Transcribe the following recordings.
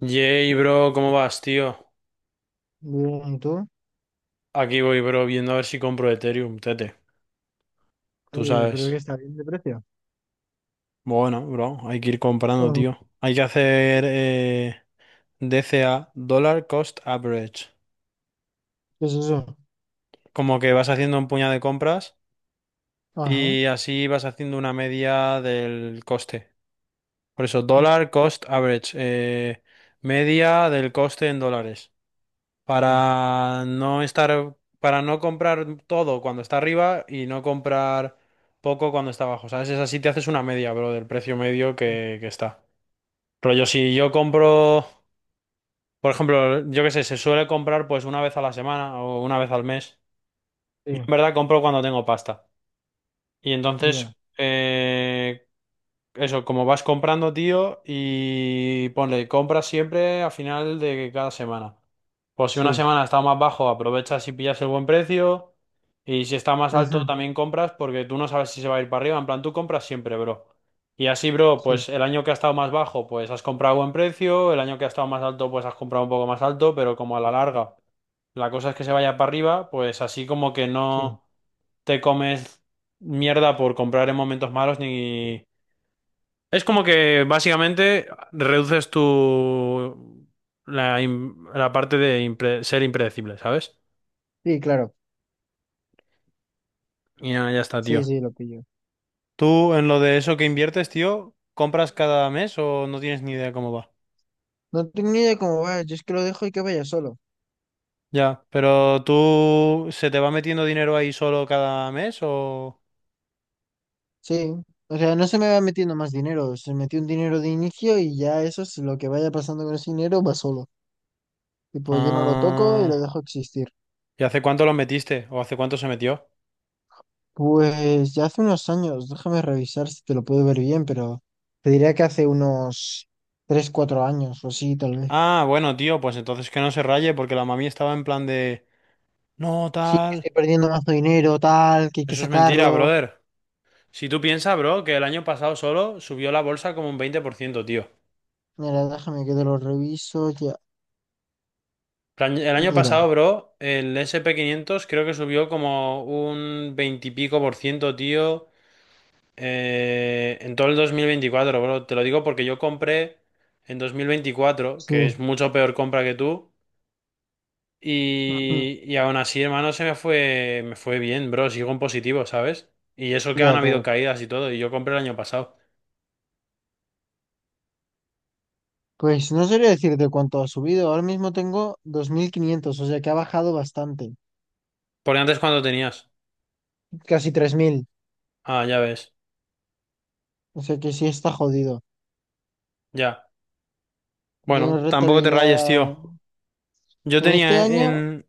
Yay, bro, ¿cómo vas, tío? Bien, ¿y tú? Aquí voy, bro, viendo a ver si compro Ethereum, tete. Tú sabes. Pero que está bien de precio. Bueno, bro, hay que ir comprando, Oh, tío. Hay que hacer DCA, Dollar Cost Average. ¿qué es eso? Como que vas haciendo un puñado de compras Ajá. y así vas haciendo una media del coste. Por eso, Mm. Dollar Cost Average, media del coste en dólares. Sí, Para no estar, para no comprar todo cuando está arriba y no comprar poco cuando está abajo, ¿sabes? Es así, te haces una media, bro, del precio medio sí, que está. Rollo, si yo compro, por ejemplo, yo qué sé, se suele comprar pues una vez a la semana o una vez al mes. Yo sí, en verdad compro cuando tengo pasta. Y ya, entonces, eso, como vas comprando, tío, y ponle, compras siempre a final de cada semana. Pues si una sí. semana está más bajo, aprovechas y pillas el buen precio. Y si está más alto, Ujú. también compras porque tú no sabes si se va a ir para arriba. En plan, tú compras siempre, bro. Y así, bro, Sí, pues el año que ha estado más bajo, pues has comprado a buen precio. El año que ha estado más alto, pues has comprado un poco más alto. Pero como a la larga, la cosa es que se vaya para arriba, pues así como que sí. no te comes mierda por comprar en momentos malos ni... Es como que básicamente reduces la parte de ser impredecible, ¿sabes? Sí, claro. Y nada, ya está, Sí, tío. sí, lo pillo. ¿Tú en lo de eso que inviertes, tío, compras cada mes o no tienes ni idea cómo va? No tengo ni idea cómo va. Yo es que lo dejo y que vaya solo. Ya, pero tú ¿se te va metiendo dinero ahí solo cada mes o...? Sí. O sea, no se me va metiendo más dinero. Se metió un dinero de inicio y ya eso es lo que vaya pasando con ese dinero va solo. Tipo, yo no lo toco y lo Ah, dejo existir. ¿y hace cuánto lo metiste o hace cuánto se metió? Pues ya hace unos años, déjame revisar si te lo puedo ver bien, pero te diría que hace unos 3 4 años o así, tal vez. Ah, bueno, tío, pues entonces que no se raye porque la mami estaba en plan de... No, Sí, que tal. estoy perdiendo más dinero, tal, que hay que Eso es mentira, sacarlo. brother. Si tú piensas, bro, que el año pasado solo subió la bolsa como un 20%, tío. Mira, déjame que te lo reviso. Ya, El año mira, pasado, bro, el S&P 500 creo que subió como un 20 y pico por ciento, tío, en todo el 2024, bro. Te lo digo porque yo compré en 2024, sí. que es mucho peor compra que tú, Ujú. y, aún así, hermano, me fue bien, bro. Sigo en positivo, ¿sabes? Y eso que han Ya, habido claro. caídas y todo, y yo compré el año pasado. Pues no sabría decirte cuánto ha subido. Ahora mismo tengo 2.500, o sea que ha bajado bastante. Porque antes, ¿cuánto tenías? Casi 3.000. Ah, ya ves, O sea que sí está jodido. ya. Tiene Bueno, tampoco te rayes, tío. rentabilidad. Yo En este tenía año. en,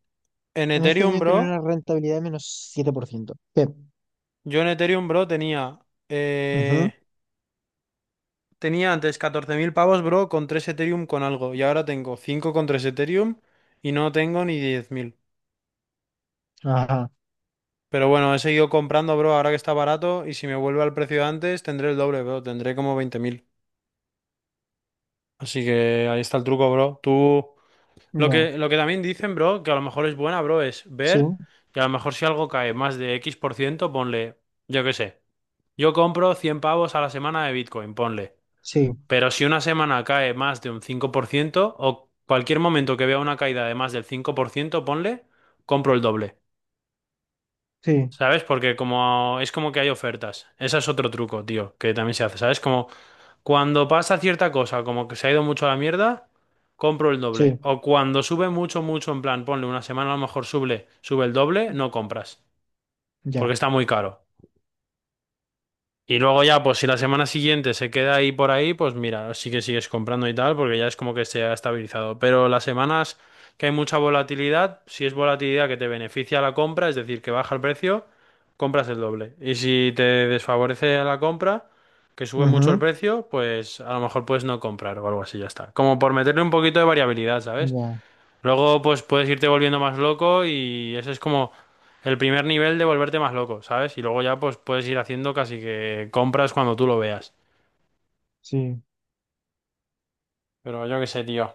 en En este Ethereum, año tiene una bro. rentabilidad de menos 7%. Sí. Yo en Ethereum, bro, tenía. Ujú. eh, tenía antes 14.000 pavos, bro, con 3 Ethereum con algo. Y ahora tengo 5 con tres Ethereum y no tengo ni 10.000. Ajá. Pero bueno, he seguido comprando, bro, ahora que está barato. Y si me vuelve al precio de antes, tendré el doble, bro. Tendré como 20.000. Así que ahí está el truco, bro. Tú. Lo Ya. que, lo que también dicen, bro, que a lo mejor es buena, bro, es Sí. ver. Que a lo mejor si algo cae más de X por ciento, ponle. Yo qué sé. Yo compro 100 pavos a la semana de Bitcoin, ponle. Sí. Pero si una semana cae más de un 5% o cualquier momento que vea una caída de más del 5%, ponle, compro el doble. Sí. ¿Sabes? Porque como es como que hay ofertas. Ese es otro truco, tío, que también se hace. ¿Sabes? Como cuando pasa cierta cosa, como que se ha ido mucho a la mierda, compro el Sí. doble. O cuando sube mucho, mucho, en plan, ponle, una semana a lo mejor sube el doble, no compras. Porque Ya. está muy caro. Y luego ya, pues si la semana siguiente se queda ahí por ahí, pues mira, sí que sigues comprando y tal, porque ya es como que se ha estabilizado. Pero las semanas que hay mucha volatilidad, si es volatilidad que te beneficia la compra, es decir, que baja el precio, compras el doble. Y si te desfavorece la compra, que sube mucho el Ujú. precio, pues a lo mejor puedes no comprar o algo así, ya está. Como por meterle un poquito de variabilidad, ¿sabes? Ya. Luego, pues puedes irte volviendo más loco y ese es como el primer nivel de volverte más loco, ¿sabes? Y luego ya, pues puedes ir haciendo casi que compras cuando tú lo veas. Sí. Pero yo qué sé, tío.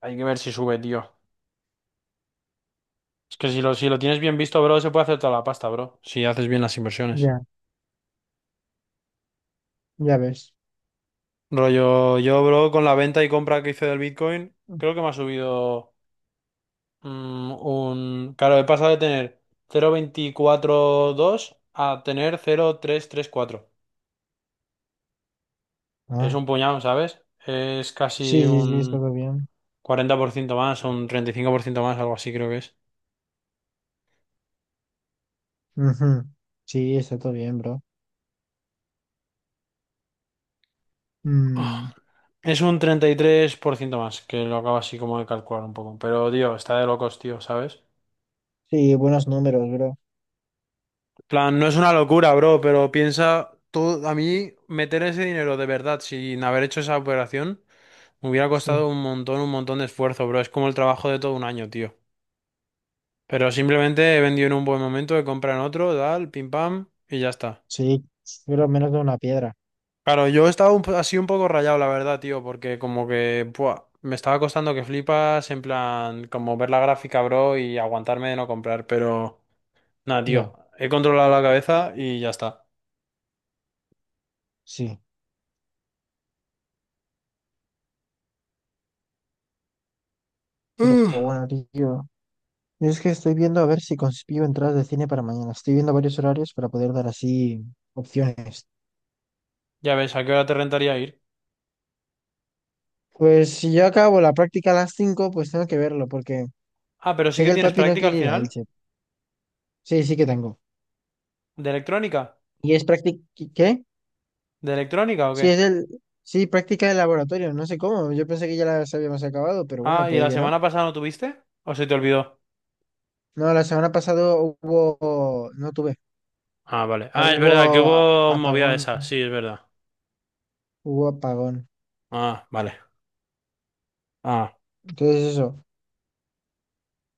Hay que ver si sube, tío. Es que si lo tienes bien visto, bro, se puede hacer toda la pasta, bro. Si haces bien las inversiones. Ya. Ya ves. Rollo, yo, bro, con la venta y compra que hice del Bitcoin, creo que me ha subido claro, he pasado de tener 0.242 a tener 0.334. Es Ah. un puñado, ¿sabes? Es casi Sí, sí, sí, está un todo bien. 40% más, un 35% más, algo así creo que es. Ujú. Sí, está todo bien, bro. Mm. Es un 33% más, que lo acabo así como de calcular un poco. Pero, tío, está de locos, tío, ¿sabes? Sí, buenos números, bro. Plan, no es una locura, bro, pero piensa, todo, a mí meter ese dinero de verdad sin haber hecho esa operación me hubiera Sí. costado un montón de esfuerzo, bro. Es como el trabajo de todo un año, tío. Pero simplemente he vendido en un buen momento, he comprado en otro, tal, pim pam, y ya está. Sí. Pero menos de una piedra. Claro, yo estaba así un poco rayado, la verdad, tío, porque como que buah, me estaba costando que flipas, en plan, como ver la gráfica, bro, y aguantarme de no comprar, pero nada, tío, Ya. he controlado la cabeza y ya está. Sí. Pero Uf. bueno, tío. Yo es que estoy viendo a ver si consigo entradas de cine para mañana. Estoy viendo varios horarios para poder dar así opciones. Ya ves, ¿a qué hora te rentaría ir? Pues si yo acabo la práctica a las cinco, pues tengo que verlo, porque Ah, pero sí sé que que el tienes papi no práctica al quiere ir a final, Elche. Sí, sí que tengo. de electrónica, ¿Y es práctica? ¿Qué? de electrónica o Sí, es qué? el... Sí, práctica de laboratorio. No sé cómo. Yo pensé que ya las habíamos acabado, pero bueno, Ah, ¿y puede la que no. semana pasada no tuviste? ¿O se te olvidó? No, la semana pasada hubo... No tuve. Ah, vale. Ah, es verdad, que Hubo hubo movida de apagón. esa, sí, es verdad. Hubo apagón. Ah, vale. Ah. Entonces eso,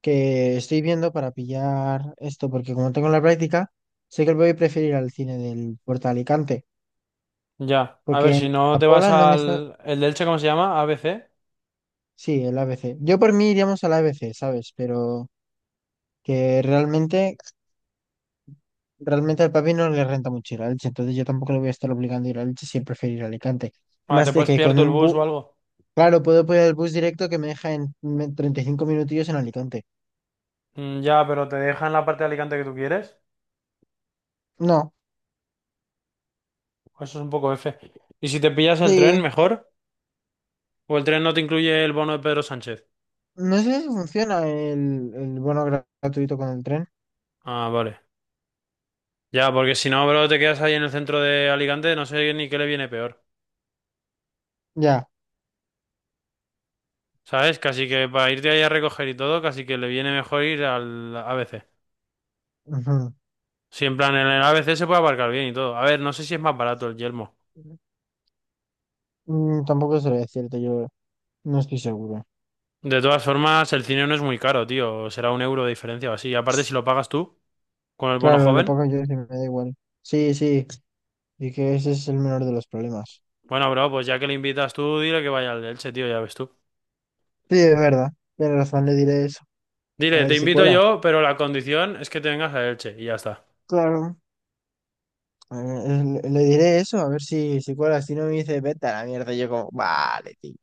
que estoy viendo para pillar esto, porque como tengo la práctica, sé que voy a preferir al cine del Puerto de Alicante, Ya, a porque ver, en si no te vas Apola no me sale... al... ¿El de Elche cómo se llama? A B C, Sí, el ABC. Yo por mí iríamos al ABC, ¿sabes? Pero que realmente, realmente al papi no le renta mucho ir a Elche, entonces yo tampoco le voy a estar obligando a ir a Elche si él prefiere ir a Alicante. ah, Más te de puedes que pillar con tú el un bus bus... o algo. Claro, puedo poner el bus directo que me deja en 35 minutillos en Alicante. Mm, ya, pero ¿te dejan la parte de Alicante que tú quieres? No, Pues eso es un poco F. ¿Y si te pillas el tren, sí, mejor? ¿O el tren no te incluye el bono de Pedro Sánchez? no sé si funciona el bono gratuito con el tren. Ah, vale. Ya, porque si no, bro, te quedas ahí en el centro de Alicante, no sé ni qué le viene peor. Ya. ¿Sabes? Casi que para irte ahí a recoger y todo, casi que le viene mejor ir al A B C. Ujú. Si en plan, en el A B C se puede aparcar bien y todo. A ver, no sé si es más barato el Yelmo. Mm, tampoco sería cierto, yo no estoy seguro. De todas formas, el cine no es muy caro, tío. Será un euro de diferencia o así. Y aparte, si lo pagas tú, con el bono Claro, lo joven. pago yo, sí, me da igual. Sí, sí, y que ese es el menor de los problemas. Bueno, bro, pues ya que le invitas tú, dile que vaya al de Elche, tío, ya ves tú. Sí, es verdad, tiene razón, le diré eso. A Dile, te ver si invito cuela. yo, pero la condición es que te vengas a Elche. Y ya está. Claro, a ver, le diré eso, a ver si, si cuela. Si no, me dice, vete a la mierda, yo como, vale, tío.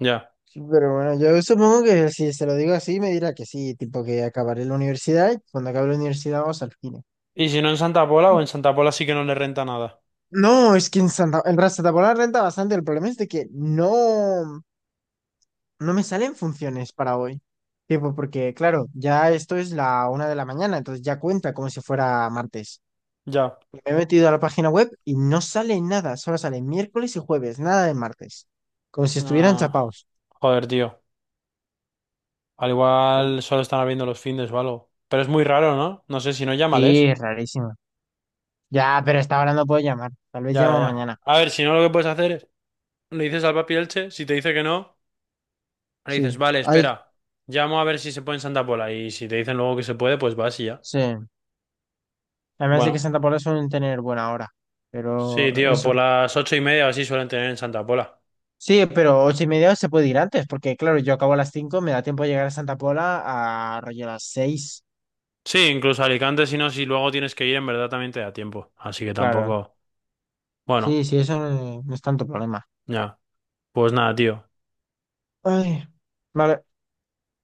Ya. Sí, pero bueno, yo supongo que si se lo digo así, me dirá que sí, tipo que acabaré la universidad y cuando acabe la universidad vamos al cine. Y si no en Santa Pola o en Santa Pola sí que no le renta nada. No, es que en Santa, Santa Pola renta bastante. El problema es de que no, no me salen funciones para hoy. Tipo, porque claro, ya esto es la una de la mañana, entonces ya cuenta como si fuera martes. Ya. Me he metido a la página web y no sale nada, solo sale miércoles y jueves, nada de martes. Como si estuvieran Ah, chapados. joder, tío. Al igual solo están abriendo los findes o algo. Pero es muy raro, ¿no? No sé, si no, Sí, llámales. es rarísimo. Ya, pero hasta ahora no puedo llamar. Tal vez Ya, ya, llamo ya. mañana. A ver, si no, lo que puedes hacer es... Le dices al papi Elche, si te dice que no... Le dices, Sí, vale, hay. espera, llamo a ver si se puede en Santa Pola. Y si te dicen luego que se puede, pues vas y ya. Sí. Además de que Bueno, Santa Paula suelen tener buena hora. Pero sí, tío, por eso. las 8:30 o así suelen tener en Santa Pola. Sí, pero 8:30 se puede ir antes, porque claro, yo acabo a las cinco, me da tiempo de llegar a Santa Paula a rollo a las seis. Sí, incluso Alicante, si no, si luego tienes que ir, en verdad también te da tiempo. Así que Claro. tampoco. Bueno, Sí, sí, eso no, no es tanto problema. ya. Pues nada, tío. Ay, vale.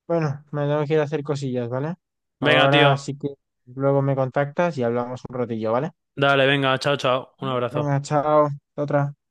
Bueno, me tengo que ir a hacer cosillas, ¿vale? Venga, Ahora tío. sí que luego me contactas y hablamos un ratillo, ¿vale? Dale, venga, chao, chao. Un abrazo. Venga, chao. Hasta otra.